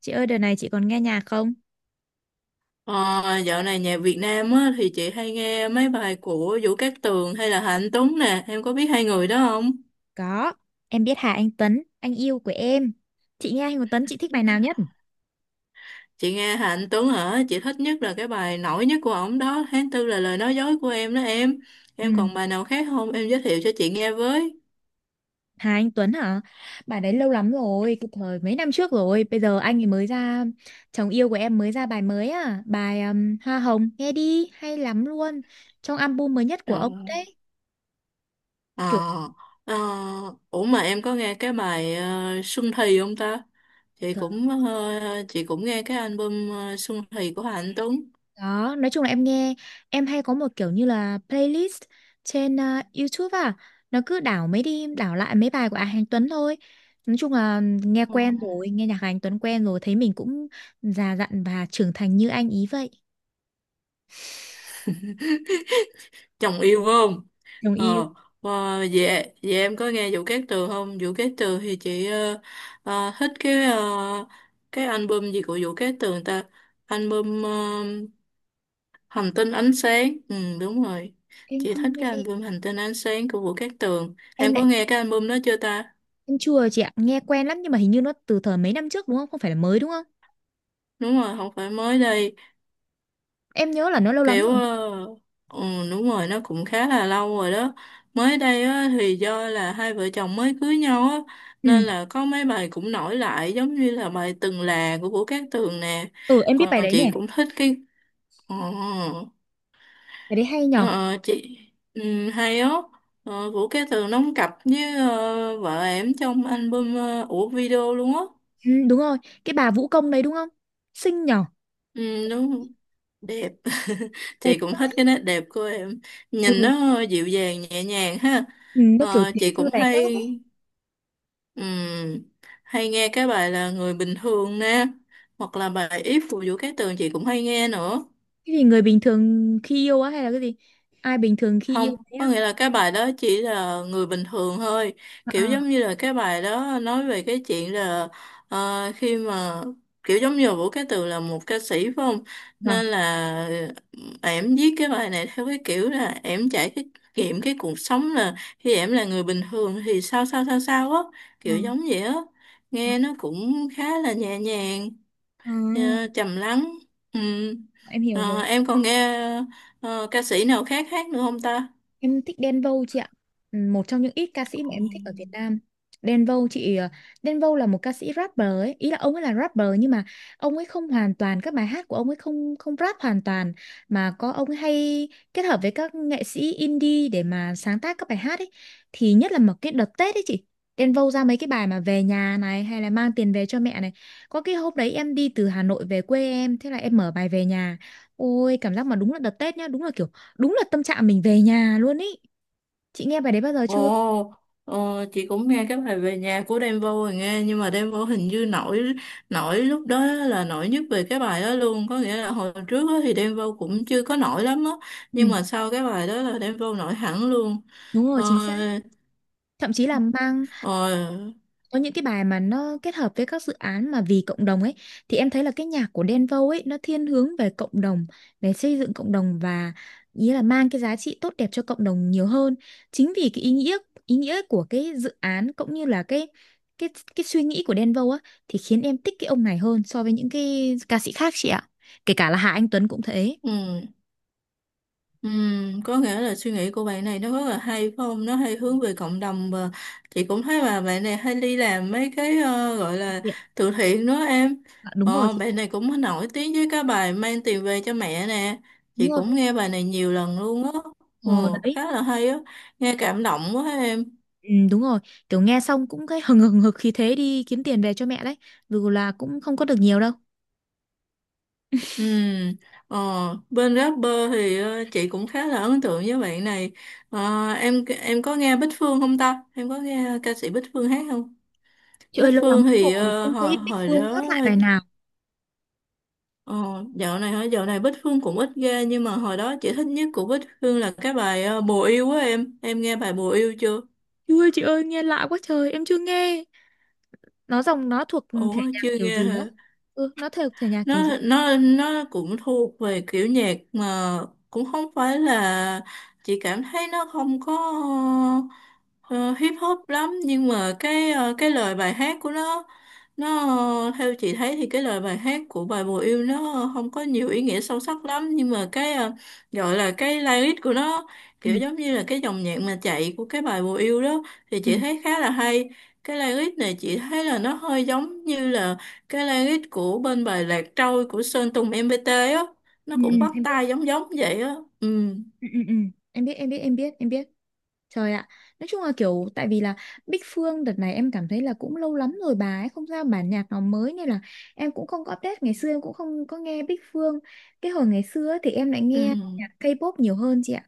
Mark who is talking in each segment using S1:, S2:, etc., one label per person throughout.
S1: Chị ơi, đợt này chị còn nghe nhạc không?
S2: Ờ, dạo này nhạc Việt Nam á, thì chị hay nghe mấy bài của Vũ Cát Tường hay là Hà Anh Tuấn nè, em có biết hai người đó không?
S1: Có, em biết Hà Anh Tuấn, anh yêu của em. Chị nghe Hà Anh Tuấn, chị thích bài nào nhất?
S2: Chị nghe Hà Anh Tuấn hả? Chị thích nhất là cái bài nổi nhất của ổng đó, Tháng Tư là lời nói dối của em đó em.
S1: Ừ.
S2: Em còn bài nào khác không? Em giới thiệu cho chị nghe với.
S1: Hà Anh Tuấn hả? Bài đấy lâu lắm rồi, cái thời mấy năm trước rồi. Bây giờ anh ấy mới ra, chồng yêu của em mới ra bài mới à. Bài Hoa Hồng, nghe đi, hay lắm luôn. Trong album mới nhất của ông
S2: Rồi.
S1: đấy.
S2: Ờ,
S1: Kiểu.
S2: ờ, ủa mà em có nghe cái bài Xuân Thì không ta? Chị cũng ờ, chị cũng nghe cái album Xuân Thì của Hà Anh Tuấn.
S1: Đó, nói chung là em nghe, em hay có một kiểu như là playlist trên YouTube nó cứ đảo lại mấy bài của Hà Anh Tuấn thôi. Nói chung là nghe quen rồi, nghe nhạc Hà Anh Tuấn quen rồi, thấy mình cũng già dặn và trưởng thành như anh ý vậy.
S2: Ờ. Chồng yêu phải không?
S1: Đồng yêu.
S2: Ờ và vậy vậy em có nghe Vũ Cát Tường không? Vũ Cát Tường thì chị thích cái album gì của Vũ Cát Tường ta? Album Hành tinh ánh sáng, ừ đúng rồi,
S1: Em
S2: chị
S1: không
S2: thích cái
S1: nghe,
S2: album Hành tinh ánh sáng của Vũ Cát Tường.
S1: em
S2: Em có
S1: lại
S2: nghe cái album đó chưa ta?
S1: em chưa chị ạ, nghe quen lắm nhưng mà hình như nó từ thời mấy năm trước đúng không? Không phải là mới đúng không?
S2: Đúng rồi, không phải mới đây.
S1: Em nhớ là nó lâu lắm
S2: Kiểu
S1: rồi.
S2: ừ, đúng rồi, nó cũng khá là lâu rồi đó. Mới đây á, thì do là hai vợ chồng mới cưới nhau á,
S1: Ừ,
S2: nên là có mấy bài cũng nổi lại giống như là bài Từng Là của Vũ Cát Tường nè.
S1: ừ em biết bài
S2: Còn
S1: đấy
S2: chị
S1: nè,
S2: cũng thích cái ờ,
S1: bài đấy hay nhở.
S2: ờ, chị hay á. Vũ Cát Tường đóng cặp với vợ ẻm trong album, của video luôn á.
S1: Ừ, đúng rồi, cái bà vũ công đấy đúng không? Xinh nhở.
S2: Ừ, đúng đẹp.
S1: Đẹp
S2: Chị cũng
S1: quá.
S2: thích cái nét đẹp của em, nhìn
S1: Ừ.
S2: nó dịu dàng nhẹ nhàng ha.
S1: Ừ, nó kiểu tiểu
S2: Chị
S1: thư
S2: cũng
S1: đại cát ấy.
S2: hay ừm, hay nghe cái bài Là Người Bình Thường nè, hoặc là bài If của Vũ Cát Tường chị cũng hay nghe nữa.
S1: Cái gì người bình thường khi yêu á hay là cái gì? Ai bình thường khi yêu
S2: Không,
S1: thế
S2: có
S1: á?
S2: nghĩa là cái bài đó chỉ là người bình thường thôi.
S1: À,
S2: Kiểu giống
S1: à.
S2: như là cái bài đó nói về cái chuyện là, khi mà, kiểu giống như là Vũ Cá Tường là một ca sĩ phải không?
S1: Vâng.
S2: Nên là ẻm viết cái bài này theo cái kiểu là ẻm trải cái nghiệm cái cuộc sống, là khi ẻm là người bình thường thì sao sao sao sao á,
S1: À,
S2: kiểu giống vậy á.
S1: à,
S2: Nghe nó cũng khá là nhẹ nhàng,
S1: à,
S2: trầm lắng. Ừ.
S1: em hiểu rồi.
S2: Em còn nghe ca sĩ nào khác hát nữa không ta?
S1: Em thích Đen Vâu chị ạ. Ừ, một trong những ít ca sĩ mà em thích ở Việt Nam. Đen Vâu chị Đen Vâu là một ca sĩ rapper ấy, ý là ông ấy là rapper nhưng mà ông ấy không hoàn toàn, các bài hát của ông ấy không không rap hoàn toàn mà có ông ấy hay kết hợp với các nghệ sĩ indie để mà sáng tác các bài hát ấy. Thì nhất là một cái đợt Tết ấy chị. Đen Vâu ra mấy cái bài mà về nhà này hay là mang tiền về cho mẹ này. Có cái hôm đấy em đi từ Hà Nội về quê em, thế là em mở bài về nhà. Ôi cảm giác mà đúng là đợt Tết nhá, đúng là kiểu đúng là tâm trạng mình về nhà luôn ý, chị nghe bài đấy bao giờ chưa?
S2: Ồ, ồ, chị cũng nghe cái bài Về Nhà của Đen Vâu rồi nghe, nhưng mà Đen Vâu hình như nổi nổi lúc đó là nổi nhất về cái bài đó luôn. Có nghĩa là hồi trước á thì Đen Vâu cũng chưa có nổi lắm á,
S1: Ừ,
S2: nhưng mà sau cái bài đó là Đen Vâu nổi hẳn luôn.
S1: đúng rồi,
S2: ờ,
S1: chính xác. Thậm chí là mang,
S2: ờ,
S1: có những cái bài mà nó kết hợp với các dự án mà vì cộng đồng ấy, thì em thấy là cái nhạc của Đen Vâu ấy nó thiên hướng về cộng đồng, về xây dựng cộng đồng và ý là mang cái giá trị tốt đẹp cho cộng đồng nhiều hơn. Chính vì cái ý nghĩa của cái dự án cũng như là cái cái suy nghĩ của Đen Vâu á, thì khiến em thích cái ông này hơn so với những cái ca sĩ khác chị ạ, kể cả là Hà Anh Tuấn cũng thế.
S2: ừ. Có nghĩa là suy nghĩ của bạn này nó rất là hay phải không? Nó hay hướng về cộng đồng, và chị cũng thấy mà bạn này hay đi làm mấy cái, gọi là
S1: Chị.
S2: từ thiện nữa em.
S1: À, đúng rồi
S2: Ờ,
S1: chị ạ.
S2: bạn này cũng nổi tiếng với cái bài Mang Tiền Về Cho Mẹ nè.
S1: Đúng
S2: Chị
S1: rồi.
S2: cũng nghe bài này nhiều lần luôn á. Ừ,
S1: Ờ đấy,
S2: khá là hay á. Nghe cảm động quá em.
S1: ừ, đúng rồi, kiểu nghe xong cũng thấy hừng hừng hực khí thế đi kiếm tiền về cho mẹ đấy, dù là cũng không có được nhiều đâu.
S2: Ừm, ờ, Bên rapper thì chị cũng khá là ấn tượng với bạn này. Ờ, em có nghe Bích Phương không ta? Em có nghe ca sĩ Bích Phương hát không?
S1: Chị
S2: Bích
S1: ơi lâu lắm
S2: Phương thì
S1: rồi
S2: ờ,
S1: không
S2: hồi
S1: thấy Bích
S2: hồi
S1: Phương
S2: đó
S1: hát lại bài nào.
S2: ờ, dạo này hả? Dạo này Bích Phương cũng ít ra, nhưng mà hồi đó chị thích nhất của Bích Phương là cái bài, Bồ Yêu á, em nghe bài Bồ Yêu chưa?
S1: Chú chị ơi nghe lạ quá trời, em chưa nghe. Nó dòng nó thuộc thể
S2: Ủa
S1: nhạc
S2: chưa
S1: kiểu
S2: nghe
S1: gì á?
S2: hả?
S1: Ừ, nó thuộc thể nhạc kiểu
S2: nó
S1: gì?
S2: nó nó cũng thuộc về kiểu nhạc mà, cũng không phải là, chị cảm thấy nó không có ờ, hip hop lắm, nhưng mà cái lời bài hát của nó theo chị thấy thì cái lời bài hát của bài Bồ Yêu nó không có nhiều ý nghĩa sâu sắc lắm, nhưng mà cái, gọi là cái lyric của nó,
S1: Ừ,
S2: kiểu giống như là cái dòng nhạc mà chạy của cái bài Bồ Yêu đó, thì
S1: ừ,
S2: chị thấy khá là hay. Cái lyric này chị thấy là nó hơi giống như là cái language của bên bài Lạc Trôi của Sơn Tùng MPT á, nó
S1: ừ, ừ,
S2: cũng bắt
S1: em biết.
S2: tai giống giống vậy á. Ừ,
S1: Ừ, ừ, ừ. Em biết, em biết, em biết, em biết. Trời ạ, nói chung là kiểu tại vì là Bích Phương đợt này em cảm thấy là cũng lâu lắm rồi bà ấy không ra bản nhạc nào mới, nên là em cũng không có update, ngày xưa em cũng không có nghe Bích Phương. Cái hồi ngày xưa ấy thì em lại
S2: ừ.
S1: nghe nhạc K-pop nhiều hơn chị ạ.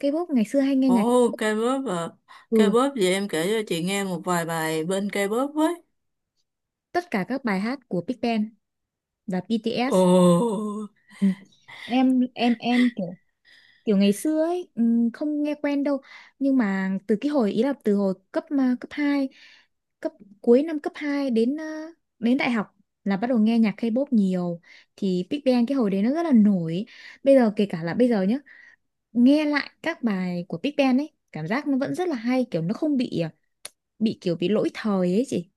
S1: K-pop ngày xưa hay nghe
S2: Ồ,
S1: nhạc,
S2: K-pop à?
S1: ừ,
S2: K-pop vậy em kể cho chị nghe một vài bài bên K-pop với.
S1: tất cả các bài hát của Big Bang và BTS.
S2: Ồ.
S1: Ừ. Em kiểu kiểu ngày xưa ấy không nghe quen đâu nhưng mà từ cái hồi ý là từ hồi cấp hai, cấp cuối năm cấp 2 đến đến đại học là bắt đầu nghe nhạc K-pop nhiều, thì Big Bang cái hồi đấy nó rất là nổi, bây giờ kể cả là bây giờ nhá, nghe lại các bài của Big Bang ấy cảm giác nó vẫn rất là hay, kiểu nó không bị à, bị kiểu bị lỗi thời ấy chị,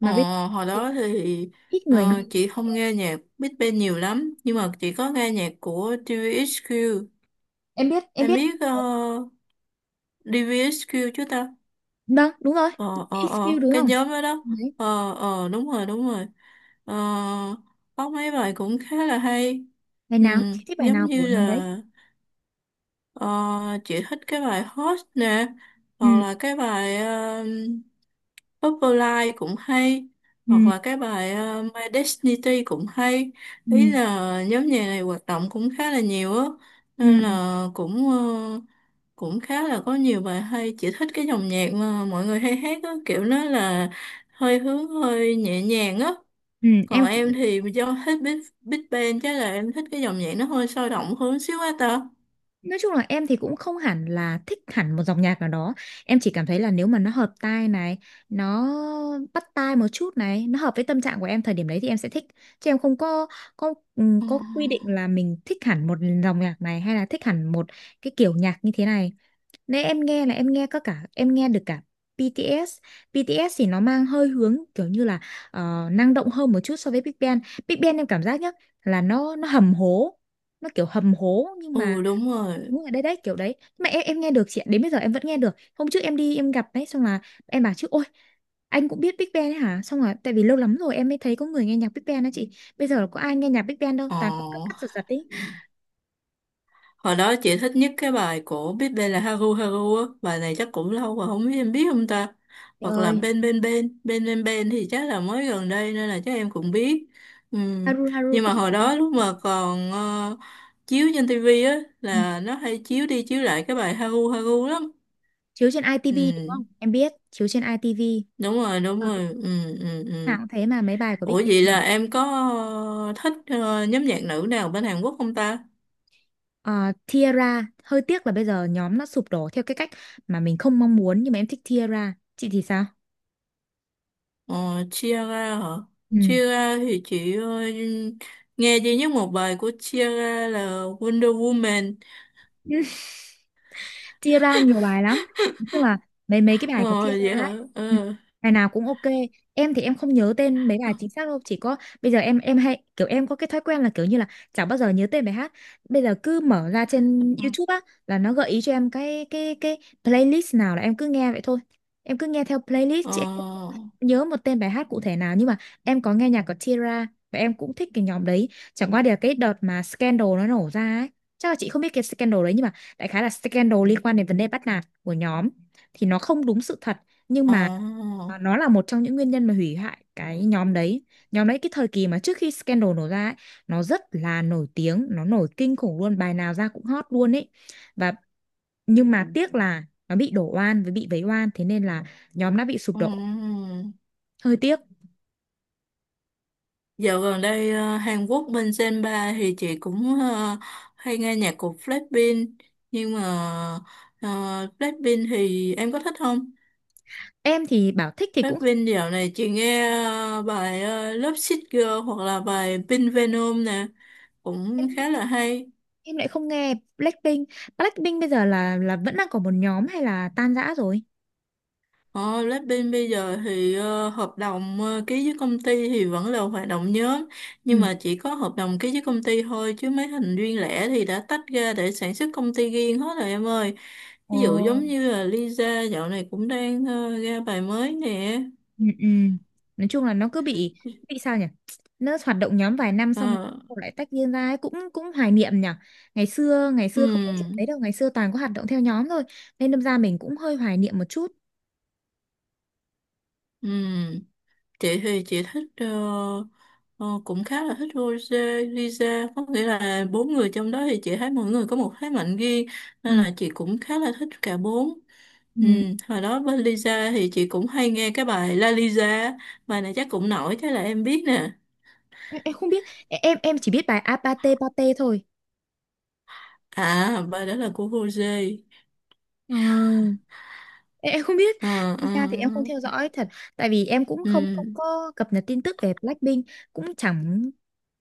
S2: ờ,
S1: mà bây
S2: Hồi
S1: giờ
S2: đó thì
S1: ít người nghe.
S2: chị không nghe nhạc Big Bang nhiều lắm, nhưng mà chị có nghe nhạc của DVXQ.
S1: em biết em
S2: Em
S1: biết
S2: biết DVXQ chứ ta?
S1: vâng đúng rồi.
S2: ờ ờ
S1: XQ
S2: ờ
S1: đúng
S2: cái
S1: không?
S2: nhóm đó đó.
S1: Đấy,
S2: Ờ, ờ, đúng rồi, đúng rồi. Ờ, có mấy bài cũng khá là hay.
S1: bài
S2: Ừ,
S1: nào chị thích, bài
S2: giống
S1: nào
S2: như
S1: của năm đấy?
S2: là, Ờ, chị thích cái bài Hot nè,
S1: Ừ,
S2: hoặc là cái bài, Purple cũng hay, hoặc
S1: ừ.
S2: là cái bài My Destiny cũng hay.
S1: Ừ,
S2: Ý là nhóm nhạc này hoạt động cũng khá là nhiều á, nên
S1: ừ,
S2: là cũng cũng khá là có nhiều bài hay. Chị thích cái dòng nhạc mà mọi người hay hát á, kiểu nó là hơi hướng hơi nhẹ nhàng á.
S1: ừ,
S2: Còn
S1: em cũng,
S2: em thì do thích Big Bang chắc là em thích cái dòng nhạc nó hơi sôi động hơn xíu á ta.
S1: nói chung là em thì cũng không hẳn là thích hẳn một dòng nhạc nào đó. Em chỉ cảm thấy là nếu mà nó hợp tai này, nó bắt tai một chút này, nó hợp với tâm trạng của em thời điểm đấy thì em sẽ thích. Chứ em không có,
S2: Ừ.
S1: có quy định là mình thích hẳn một dòng nhạc này hay là thích hẳn một cái kiểu nhạc như thế này. Nên em nghe là em nghe có cả, em nghe được cả BTS. BTS thì nó mang hơi hướng kiểu như là năng động hơn một chút so với Big Bang. Big Bang em cảm giác nhá là nó hầm hố, nó kiểu hầm hố nhưng mà,
S2: Ừ đúng rồi.
S1: đúng rồi, đấy đấy kiểu đấy. Nhưng mà em nghe được chị ạ, đến bây giờ em vẫn nghe được, hôm trước em đi em gặp đấy xong là em bảo chứ ôi anh cũng biết Big Bang ấy hả, xong rồi tại vì lâu lắm rồi em mới thấy có người nghe nhạc Big Bang đó chị, bây giờ có ai nghe nhạc Big Bang đâu
S2: Ờ,
S1: toàn cũng cắt cắt giật giật ý.
S2: hồi đó chị thích nhất cái bài của Biết Bên là Haru Haru á. Bài này chắc cũng lâu rồi không biết em biết không ta.
S1: Trời
S2: Hoặc là
S1: ơi,
S2: Bên Bên Bên, Bên Bên Bên thì chắc là mới gần đây nên là chắc em cũng biết. Ừ.
S1: Haru Haru
S2: Nhưng mà
S1: tất nhiên
S2: hồi
S1: là em
S2: đó
S1: biết.
S2: lúc mà còn chiếu trên tivi á
S1: Ừ.
S2: là nó hay chiếu đi chiếu lại cái bài Haru Haru lắm.
S1: Chiếu trên ITV
S2: Ừ,
S1: đúng không, em biết chiếu trên ITV
S2: đúng rồi, đúng rồi. Ừ, ừ, ừ.
S1: nào cũng thế mà, mấy bài của
S2: Ủa
S1: Big Bang
S2: vậy là
S1: mà.
S2: em có thích nhóm nhạc nữ nào bên Hàn Quốc không ta?
S1: Ờ, Tiara hơi tiếc là bây giờ nhóm nó sụp đổ theo cái cách mà mình không mong muốn, nhưng mà em thích Tiara, chị thì sao?
S2: Ờ, chia ra hả?
S1: Ừ.
S2: Chia ra thì chị nghe duy nhất một bài của chia ra là Wonder Woman.
S1: Tiara nhiều bài lắm, nói chung là mấy mấy cái bài của
S2: Ờ, vậy
S1: Tiara ấy,
S2: hả?
S1: ừ,
S2: Ờ,
S1: bài nào cũng ok. Em thì em không nhớ tên mấy
S2: ờ,
S1: bài chính xác đâu, chỉ có bây giờ em hay kiểu em có cái thói quen là kiểu như là chẳng bao giờ nhớ tên bài hát, bây giờ cứ mở ra trên
S2: ờ,
S1: YouTube á là nó gợi ý cho em cái playlist nào là em cứ nghe vậy thôi, em cứ nghe theo playlist
S2: ờ,
S1: chứ nhớ một tên bài hát cụ thể nào. Nhưng mà em có nghe nhạc của Tira và em cũng thích cái nhóm đấy, chẳng qua thì là cái đợt mà scandal nó nổ ra ấy, chắc là chị không biết cái scandal đấy, nhưng mà đại khái là scandal liên quan đến vấn đề bắt nạt của nhóm, thì nó không đúng sự thật, nhưng
S2: ờ.
S1: mà nó là một trong những nguyên nhân mà hủy hoại cái nhóm đấy. Nhóm đấy cái thời kỳ mà trước khi scandal nổ ra ấy, nó rất là nổi tiếng, nó nổi kinh khủng luôn, bài nào ra cũng hot luôn ấy. Và nhưng mà tiếc là nó bị đổ oan với bị vấy oan, thế nên là nhóm đã bị sụp
S2: ờ,
S1: đổ,
S2: ờ.
S1: hơi tiếc.
S2: Dạo gần đây Hàn Quốc bên Senpa thì chị cũng hay nghe nhạc của Blackpink. Nhưng mà ờ, Blackpink thì em có thích không?
S1: Em thì bảo thích thì
S2: Rap
S1: cũng,
S2: Vin dạo này chị nghe bài Love Sick Girl hoặc là bài Pink Venom nè,
S1: em,
S2: cũng khá là hay.
S1: em lại không nghe Blackpink. Blackpink bây giờ là vẫn đang có một nhóm hay là tan rã rồi?
S2: Ờ, Blackpink bây giờ thì hợp đồng ký với công ty thì vẫn là hoạt động nhóm,
S1: Ừ.
S2: nhưng mà chỉ có hợp đồng ký với công ty thôi, chứ mấy thành viên lẻ thì đã tách ra để sản xuất công ty riêng hết rồi em ơi. Ví
S1: Ồ.
S2: dụ giống như là Lisa dạo này cũng đang ra bài mới nè.
S1: Ừ, ừ. Nói chung là nó cứ bị sao nhỉ, nó hoạt động nhóm vài năm xong
S2: Ờ,
S1: rồi lại tách riêng ra ấy. Cũng cũng hoài niệm nhỉ, ngày xưa không có chuyện
S2: ừm,
S1: đấy đâu, ngày xưa toàn có hoạt động theo nhóm thôi, nên đâm ra mình cũng hơi hoài niệm một chút.
S2: ừm. Chị thì chị cũng khá là thích Rosé, Lisa, có nghĩa là bốn người trong đó thì chị thấy mỗi người có một thế mạnh riêng,
S1: Ừ.
S2: nên là chị cũng khá là thích cả bốn.
S1: Ừ.
S2: Ừ, hồi đó với Lisa thì chị cũng hay nghe cái bài La Lisa, bài này chắc cũng nổi chắc là em biết nè.
S1: Em không biết, em chỉ biết bài Apate Pate thôi.
S2: À bài đó là của Rosé.
S1: Ờ. Em không biết.
S2: ờ ờ
S1: Thực ra thì em không
S2: ờ.
S1: theo dõi thật, tại vì em cũng
S2: Ừ.
S1: không, không có cập nhật tin tức về Blackpink, cũng chẳng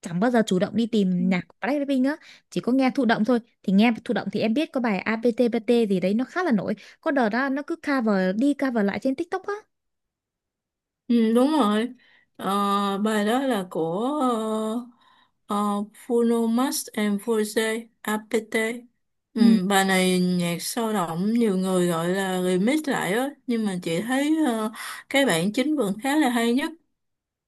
S1: chẳng bao giờ chủ động đi
S2: Ừ.
S1: tìm nhạc của Blackpink á, chỉ có nghe thụ động thôi. Thì nghe thụ động thì em biết có bài APTPT gì đấy nó khá là nổi, có đợt đó nó cứ cover đi cover lại trên TikTok á.
S2: Ừ, đúng rồi. Ờ, bài đó là của ờ, Bruno Mars and Force APT. Ừ,
S1: Ừ,
S2: bài này nhạc sôi động nhiều người gọi là remix lại á, nhưng mà chị thấy cái bản chính vẫn khá là hay nhất.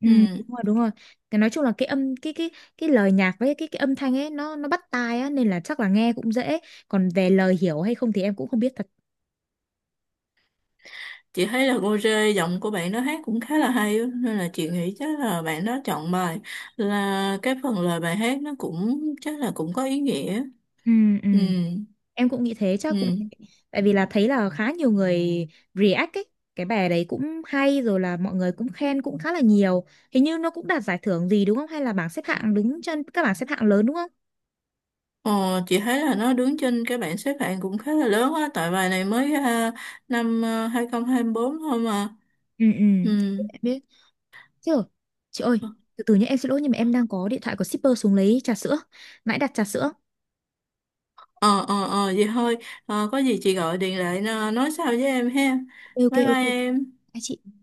S1: ừ,
S2: Ừ,
S1: đúng rồi đúng rồi, cái nói chung là cái âm cái cái lời nhạc với cái âm thanh ấy nó bắt tai á, nên là chắc là nghe cũng dễ, còn về lời hiểu hay không thì em cũng không biết thật.
S2: chị thấy là Rose giọng của bạn đó hát cũng khá là hay á, nên là chị nghĩ chắc là bạn đó chọn bài là cái phần lời bài hát nó cũng chắc là cũng có ý nghĩa.
S1: ừ ừ
S2: Ừ,
S1: Em cũng nghĩ thế, chắc cũng
S2: ừ.
S1: tại vì là thấy là khá nhiều người react ấy. Cái bài đấy cũng hay rồi, là mọi người cũng khen cũng khá là nhiều. Hình như nó cũng đạt giải thưởng gì đúng không? Hay là bảng xếp hạng đứng trên các bảng xếp hạng lớn đúng không?
S2: Ờ, chị thấy là nó đứng trên cái bảng xếp hạng cũng khá là lớn á, tại bài này mới năm 2024 thôi mà.
S1: Ừ ừ.
S2: Ừ.
S1: Em biết. Chứ rồi. Chị ơi, từ từ nhé, em xin lỗi nhưng mà em đang có điện thoại của shipper xuống lấy trà sữa. Nãy đặt trà sữa.
S2: Ờ, ờ, ờ, vậy thôi. Ờ, có gì chị gọi điện lại, nói sau với em ha.
S1: Ok ok
S2: Bye bye
S1: ok.
S2: em.
S1: Hai chị